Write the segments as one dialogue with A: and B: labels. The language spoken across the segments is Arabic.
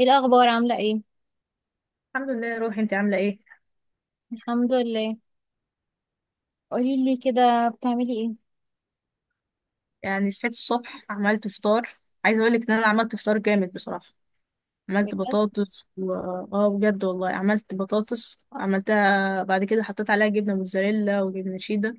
A: ايه الاخبار؟ عامله ايه؟
B: الحمد لله يا روحي، انت عامله ايه؟
A: الحمد لله. قولي لي كده، بتعملي ايه؟
B: يعني صحيت الصبح، عملت فطار. عايزه اقول لك ان انا عملت فطار جامد بصراحه. عملت
A: بجد؟
B: بطاطس اه بجد والله، عملت بطاطس، عملتها بعد كده حطيت عليها جبنه موتزاريلا وجبنه شيدر.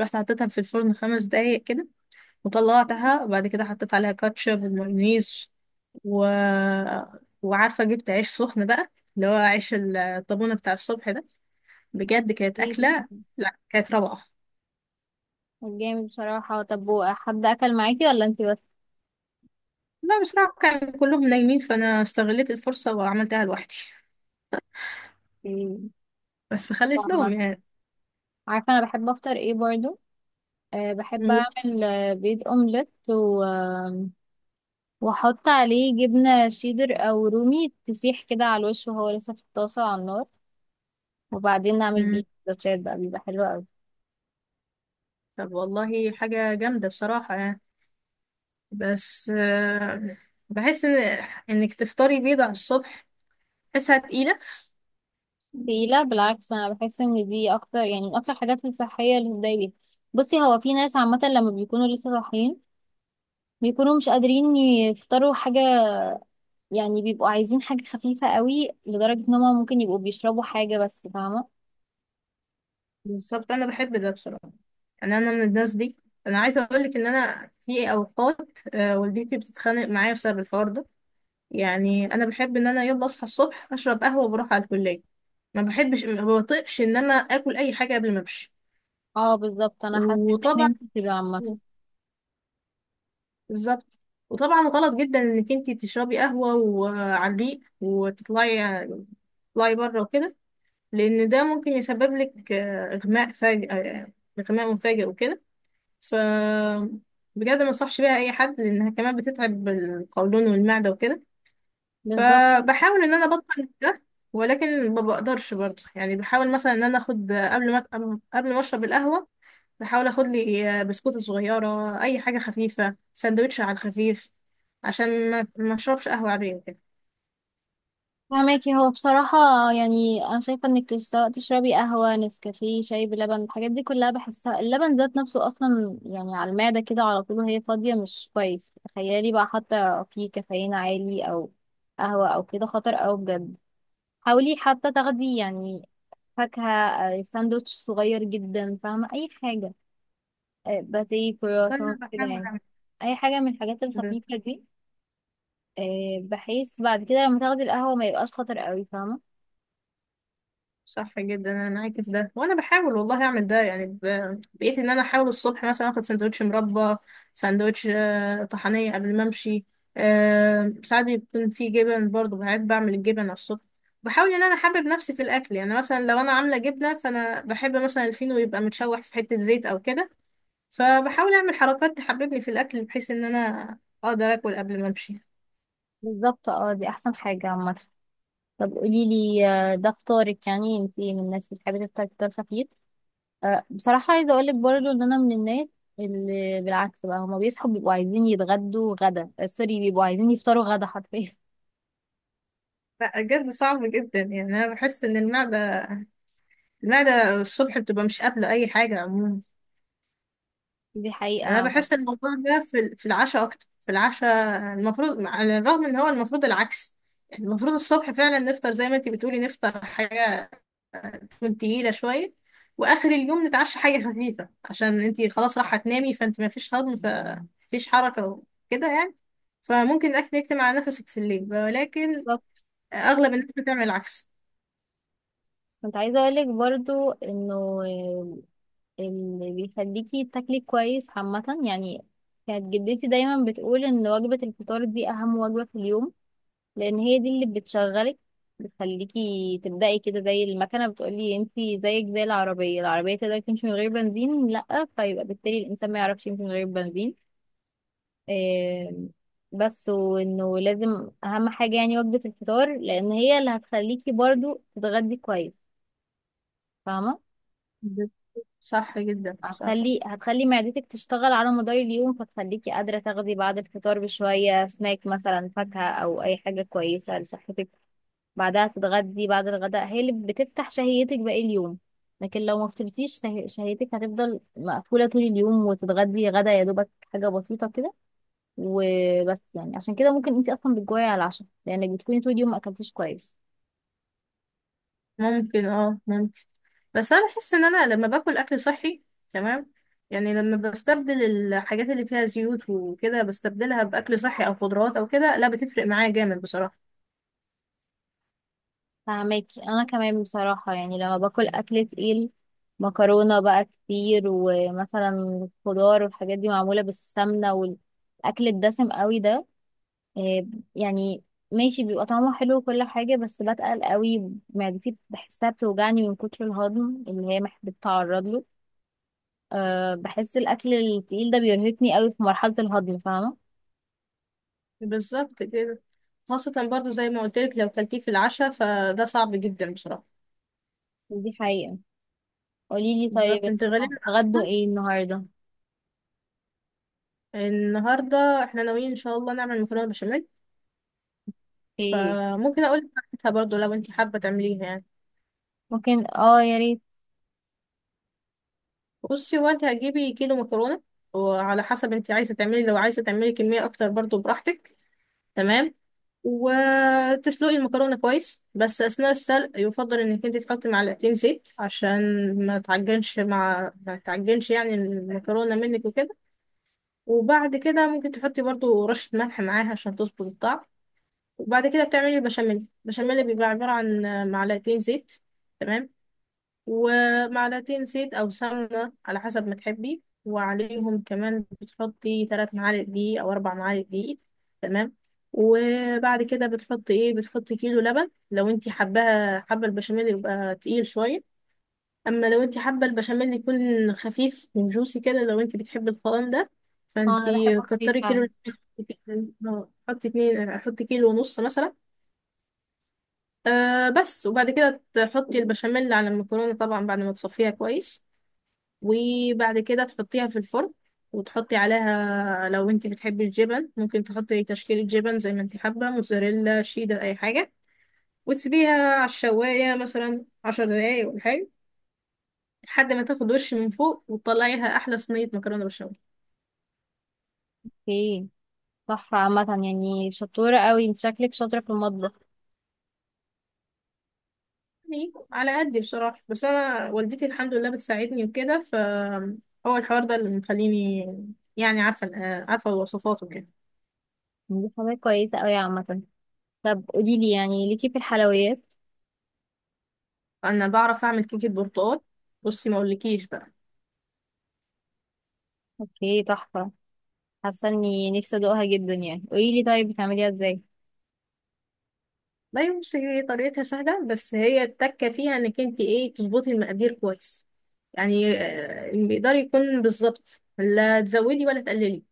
B: رحت حطيتها في الفرن 5 دقايق كده، وطلعتها بعد كده حطيت عليها كاتشب ومايونيز و... وعارفه جبت عيش سخن بقى، اللي هو عيش الطابونه بتاع الصبح ده. بجد كانت
A: ايه ده؟
B: اكله، لا كانت روعه.
A: طب جامد بصراحه. طب حد اكل معاكي ولا انتي بس؟
B: لا بصراحة كانوا كلهم نايمين، فأنا استغلت الفرصة وعملتها لوحدي.
A: إيه،
B: بس خليت لهم
A: طعمك.
B: يعني.
A: عارفه انا بحب افطر ايه برضو؟ أه، بحب اعمل بيض اومليت و... آم، واحط عليه جبنه شيدر او رومي تسيح كده على الوش وهو لسه في الطاسه على النار، وبعدين اعمل
B: مم.
A: بيه سندوتشات بقى، بيبقى حلو قوي.
B: طب والله حاجة جامدة بصراحة يعني. بس بحس إنك تفطري بيض على الصبح، بحسها تقيلة.
A: في، لا بالعكس، انا بحس ان دي اكتر، يعني من اكتر حاجات الصحيه اللي بتضايق بيها. بصي، هو في ناس عامه لما بيكونوا لسه صاحيين بيكونوا مش قادرين يفطروا حاجه، يعني بيبقوا عايزين حاجه خفيفه قوي لدرجه ان هم ممكن يبقوا بيشربوا حاجه بس، فاهمه؟
B: بالظبط، أنا بحب ده بصراحة، يعني أنا من الناس دي. أنا عايزة أقولك إن أنا في أوقات والدتي بتتخانق معايا بسبب الحوار ده. يعني أنا بحب إن أنا يلا أصحى الصبح أشرب قهوة وبروح على الكلية. ما بحبش، ما بطيقش ان انا اكل اي حاجه قبل ما امشي.
A: اه بالظبط، انا حاسه ان
B: وطبعا،
A: انت كده عامه.
B: بالظبط، وطبعا غلط جدا انك انت تشربي قهوة وعلى الريق وتطلعي، تطلعي بره وكده. لان ده ممكن يسبب لك اغماء فاجئ، اغماء مفاجئ وكده. ف بجد ما انصحش بيها اي حد لانها كمان بتتعب القولون والمعدة وكده.
A: بالظبط.
B: فبحاول ان انا ابطل ده، ولكن ما بقدرش برضه. يعني بحاول مثلا ان انا اخد قبل ما اشرب القهوة، بحاول اخد لي بسكوتة صغيرة، اي حاجة خفيفة، سندوتش على الخفيف، عشان ما اشربش قهوة عادية كده.
A: فهماكي، هو بصراحة يعني أنا شايفة إنك سواء تشربي قهوة نسكافيه شاي بلبن، الحاجات دي كلها بحسها اللبن ذات نفسه أصلا يعني على المعدة كده على طول وهي فاضية مش كويس. تخيلي بقى حتى فيه كافيين عالي أو قهوة أو كده، خطر أوي بجد. حاولي حتى تاخدي يعني فاكهة، ساندوتش صغير جدا، فاهمة؟ أي حاجة، باتيه كرواسون
B: وانا
A: كده
B: بحاول
A: يعني.
B: اعمل
A: أي حاجة من الحاجات
B: بس-
A: الخفيفة دي، بحيث بعد كده لما تاخدي القهوة ما يبقاش خطر أوي، فاهمة؟
B: صح جدا، انا معاكي في ده، وانا بحاول والله اعمل ده يعني بقيت ان انا احاول الصبح مثلا اخد سندوتش مربى، سندوتش طحنية قبل ما امشي. ساعات بيكون في جبن برضه، بحب بعمل الجبن على الصبح. بحاول ان انا احبب نفسي في الاكل، يعني مثلا لو انا عامله جبنه فانا بحب مثلا الفينو يبقى متشوح في حته زيت او كده. فبحاول اعمل حركات تحببني في الاكل بحيث ان انا اقدر اكل قبل ما امشي.
A: بالظبط، اه دي احسن حاجة عامة. طب قولي لي، ده فطارك؟ يعني انت من الناس اللي بتحبي تفطر فطار خفيف؟ بصراحة عايزة اقولك برضو ان انا من الناس اللي بالعكس بقى هما بيصحوا بيبقوا عايزين يتغدوا غدا، سوري، بيبقوا عايزين يفطروا غدا حرفيا.
B: لا بجد صعب جدا، يعني انا بحس ان المعده الصبح بتبقى مش قابله اي حاجه عموما.
A: دي حقيقة
B: يعني انا
A: عامة.
B: بحس ان الموضوع ده في العشاء اكتر، في العشاء المفروض، على الرغم ان هو المفروض العكس. يعني المفروض الصبح فعلا نفطر زي ما انتي بتقولي، نفطر حاجه تكون تقيلة شوية، وآخر اليوم نتعشى حاجة خفيفة عشان انتي خلاص راح هتنامي، فانت مفيش هضم فمفيش حركة وكده يعني. فممكن الأكل يكتم على نفسك في الليل، ولكن
A: بالظبط.
B: أغلب الناس بتعمل العكس.
A: كنت عايزة اقولك برضو انه آه، اللي بيخليكي تاكلي كويس عامة، يعني كانت جدتي دايما بتقول ان وجبة الفطار دي اهم وجبة في اليوم، لان هي دي اللي بتشغلك، بتخليكي تبدأي كده زي المكنة. بتقولي انتي زيك زي العربية؟ العربية تقدر تمشي من غير بنزين؟ لأ، فيبقى بالتالي الإنسان ما يعرفش يمشي من غير بنزين. آم، بس، وانه لازم أهم حاجة يعني وجبة الفطار، لأن هي اللي هتخليكي برضو تتغدي كويس، فاهمة؟
B: ب- صح جدا صح.
A: هتخلي معدتك تشتغل على مدار اليوم، فتخليكي قادرة تاخدي بعد الفطار بشوية سناك، مثلا فاكهة أو أي حاجة كويسة لصحتك. بعدها تتغدي، بعد الغداء هي اللي بتفتح شهيتك باقي اليوم. لكن لو ما فطرتيش شهيتك هتفضل مقفولة طول اليوم، وتتغدي غدا يا دوبك حاجة بسيطة كده وبس، يعني عشان كده ممكن انتي اصلا بتجوعي على العشاء لانك بتكوني طول اليوم ما اكلتيش كويس.
B: ممكن، اه ممكن. بس أنا بحس إن أنا لما باكل أكل صحي، تمام، يعني لما بستبدل الحاجات اللي فيها زيوت وكده بستبدلها بأكل صحي أو خضروات أو كده، لا بتفرق معايا جامد بصراحة.
A: فهماكي، انا كمان بصراحة يعني لما باكل اكل تقيل، مكرونة بقى كتير ومثلا خضار والحاجات دي معمولة بالسمنة والاكل الدسم قوي ده، آه، يعني ماشي بيبقى طعمه حلو وكل حاجة، بس بتقل قوي معدتي، بحسها بتوجعني من كتر الهضم اللي هي بتتعرض له. أه، بحس الأكل التقيل ده بيرهقني قوي في مرحلة الهضم، فاهمة؟
B: بالظبط كده. خاصة برضو زي ما قلت لك لو كلتيه في العشاء فده صعب جدا بصراحة.
A: دي حقيقة. قوليلي طيب،
B: بالظبط،
A: انتوا
B: انت غالبا
A: هتتغدوا
B: اصلا.
A: ايه النهاردة؟
B: النهاردة احنا ناويين ان شاء الله نعمل مكرونة بشاميل.
A: ايه؟
B: فممكن اقول لك بتاعتها برضو لو انت حابة تعمليها يعني.
A: ممكن، اه يا ريت.
B: بصي، هو انت هتجيبي كيلو مكرونة، وعلى حسب انت عايزة تعملي، لو عايزة تعملي كمية اكتر برضو براحتك، تمام. وتسلقي المكرونة كويس، بس أثناء السلق يفضل إنك أنت تحطي معلقتين زيت عشان ما تعجنش يعني المكرونة منك وكده. وبعد كده ممكن تحطي برضو رشة ملح معاها عشان تظبط الطعم. وبعد كده بتعملي البشاميل. البشاميل بيبقى عبارة عن معلقتين زيت، تمام، ومعلقتين زيت أو سمنة على حسب ما تحبي، وعليهم كمان بتحطي 3 معالق دقيق أو 4 معالق دقيق، تمام. وبعد كده بتحطي بتحطي كيلو لبن لو انتي حابة البشاميل يبقى تقيل شوية. أما لو انتي حابة البشاميل يكون خفيف وجوسي كده، لو انتي بتحبي القوام ده،
A: اه، انا
B: فانتي
A: بحبه خفيف
B: كتري
A: فعلا.
B: كيلو لبن. حطي اتنين، حطي كيلو ونص مثلا. آه بس وبعد كده تحطي البشاميل على المكرونة طبعا بعد ما تصفيها كويس، وبعد كده تحطيها في الفرن، وتحطي عليها لو انت بتحبي الجبن ممكن تحطي تشكيلة جبن زي ما انت حابة، موتزاريلا شيدر اي حاجة، وتسيبيها على الشواية مثلا 10 دقايق ولا حاجة، لحد ما تاخد وش من فوق وتطلعيها أحلى صينية مكرونة بالبشاميل.
A: ايه؟ تحفة عامة يعني، شطورة قوي، انت شكلك شاطرة في المطبخ.
B: على قدي بصراحة، بس أنا والدتي الحمد لله بتساعدني وكده. هو الحوار ده اللي مخليني يعني عارفة الوصفات وكده.
A: دي حاجة كويسة قوي عامة. طب قوليلي، يعني ليكي في الحلويات؟
B: أنا بعرف أعمل كيكة برتقال. بصي ما أقولكيش بقى.
A: اوكي، تحفة. حاسه اني نفسي ادوقها جدا، يعني قولي لي طيب، بتعمليها ازاي؟
B: لا بصي، هي طريقتها سهلة، بس هي التكة فيها انك انت تظبطي المقادير كويس. يعني المقدار يكون بالظبط، لا تزودي ولا تقللي،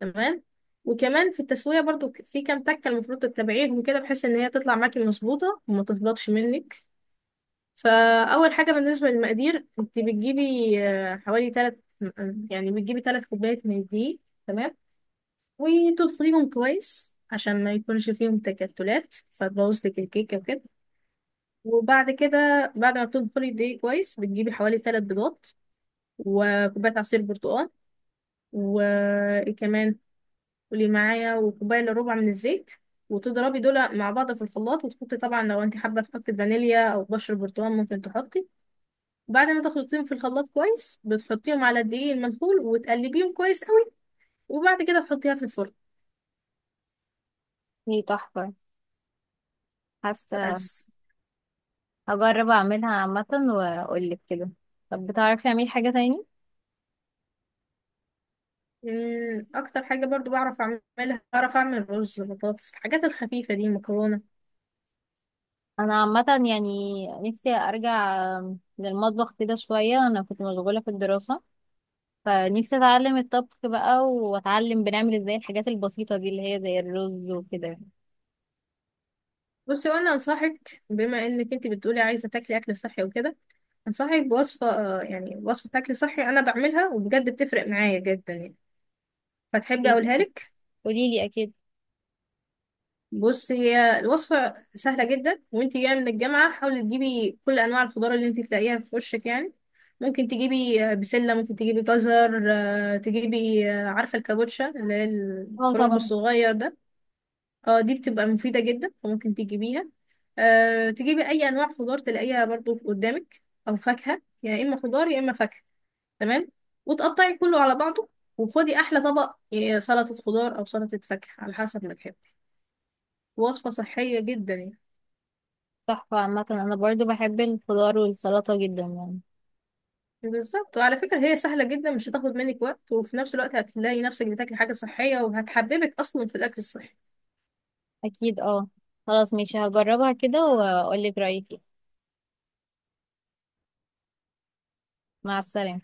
B: تمام. وكمان في التسوية برضو، في كام تكة المفروض تتبعيهم كده بحيث ان هي تطلع معاكي مظبوطة وما تهبطش منك. فأول حاجة بالنسبة للمقادير، انت بتجيبي آه، حوالي تلات يعني بتجيبي 3 كوبايات من الدقيق، تمام، وتدخليهم كويس عشان ما يكونش فيهم تكتلات فتبوظ لك الكيكة وكده. وبعد كده بعد ما بتنخلي الدقيق كويس بتجيبي حوالي 3 بيضات، وكوباية عصير برتقال، وكمان قولي معايا، وكوباية إلا ربع من الزيت. وتضربي دول مع بعض في الخلاط، وتحطي طبعا لو انت حابة تحطي فانيليا أو بشر برتقال ممكن تحطي. بعد ما تخلطيهم في الخلاط كويس بتحطيهم على الدقيق المنخول، وتقلبيهم كويس قوي، وبعد كده تحطيها في الفرن.
A: هي تحفه. حاسه
B: بس.
A: هجرب اعملها عامه واقول لك كده. طب بتعرفي تعملي حاجه تاني؟
B: أكتر حاجة برضو بعرف أعملها، بعرف أعمل رز، بطاطس، الحاجات الخفيفة دي، مكرونة.
A: انا عامه يعني نفسي ارجع للمطبخ كده شويه، انا كنت مشغوله في الدراسه، فنفسي اتعلم الطبخ بقى واتعلم بنعمل ازاي الحاجات البسيطه دي اللي هي زي الرز وكده.
B: بصي وانا انصحك، بما انك انت بتقولي عايزه تاكلي اكل صحي وكده، انصحك بوصفه، يعني وصفه اكل صحي انا بعملها وبجد بتفرق معايا جدا يعني، فتحبي اقولها لك؟
A: قولي لي اكيد.
B: بصي هي الوصفه سهله جدا، وانت جايه من الجامعه حاولي تجيبي كل انواع الخضار اللي انت تلاقيها في وشك يعني. ممكن تجيبي بسله، ممكن تجيبي جزر، آه، تجيبي آه، عارفه الكابوتشا اللي هي
A: اه
B: الكرنب
A: طبعا.
B: الصغير ده. اه دي بتبقى مفيدة جدا، فممكن تجيبيها. أه تجيبي أي أنواع خضار تلاقيها برضو قدامك، أو فاكهة، يا إما خضار يا إما فاكهة، تمام. وتقطعي كله على بعضه، وخدي أحلى طبق سلطة خضار أو سلطة فاكهة على حسب ما تحبي. وصفة صحية جدا يعني.
A: تحفه عامه، انا برضو بحب الخضار والسلطه جدا يعني.
B: بالظبط، وعلى فكرة هي سهلة جدا مش هتاخد منك وقت، وفي نفس الوقت هتلاقي نفسك بتاكلي حاجة صحية، وهتحببك أصلا في الأكل الصحي.
A: اكيد اه. خلاص ماشي، هجربها كده واقول لك رأيي. مع السلامة.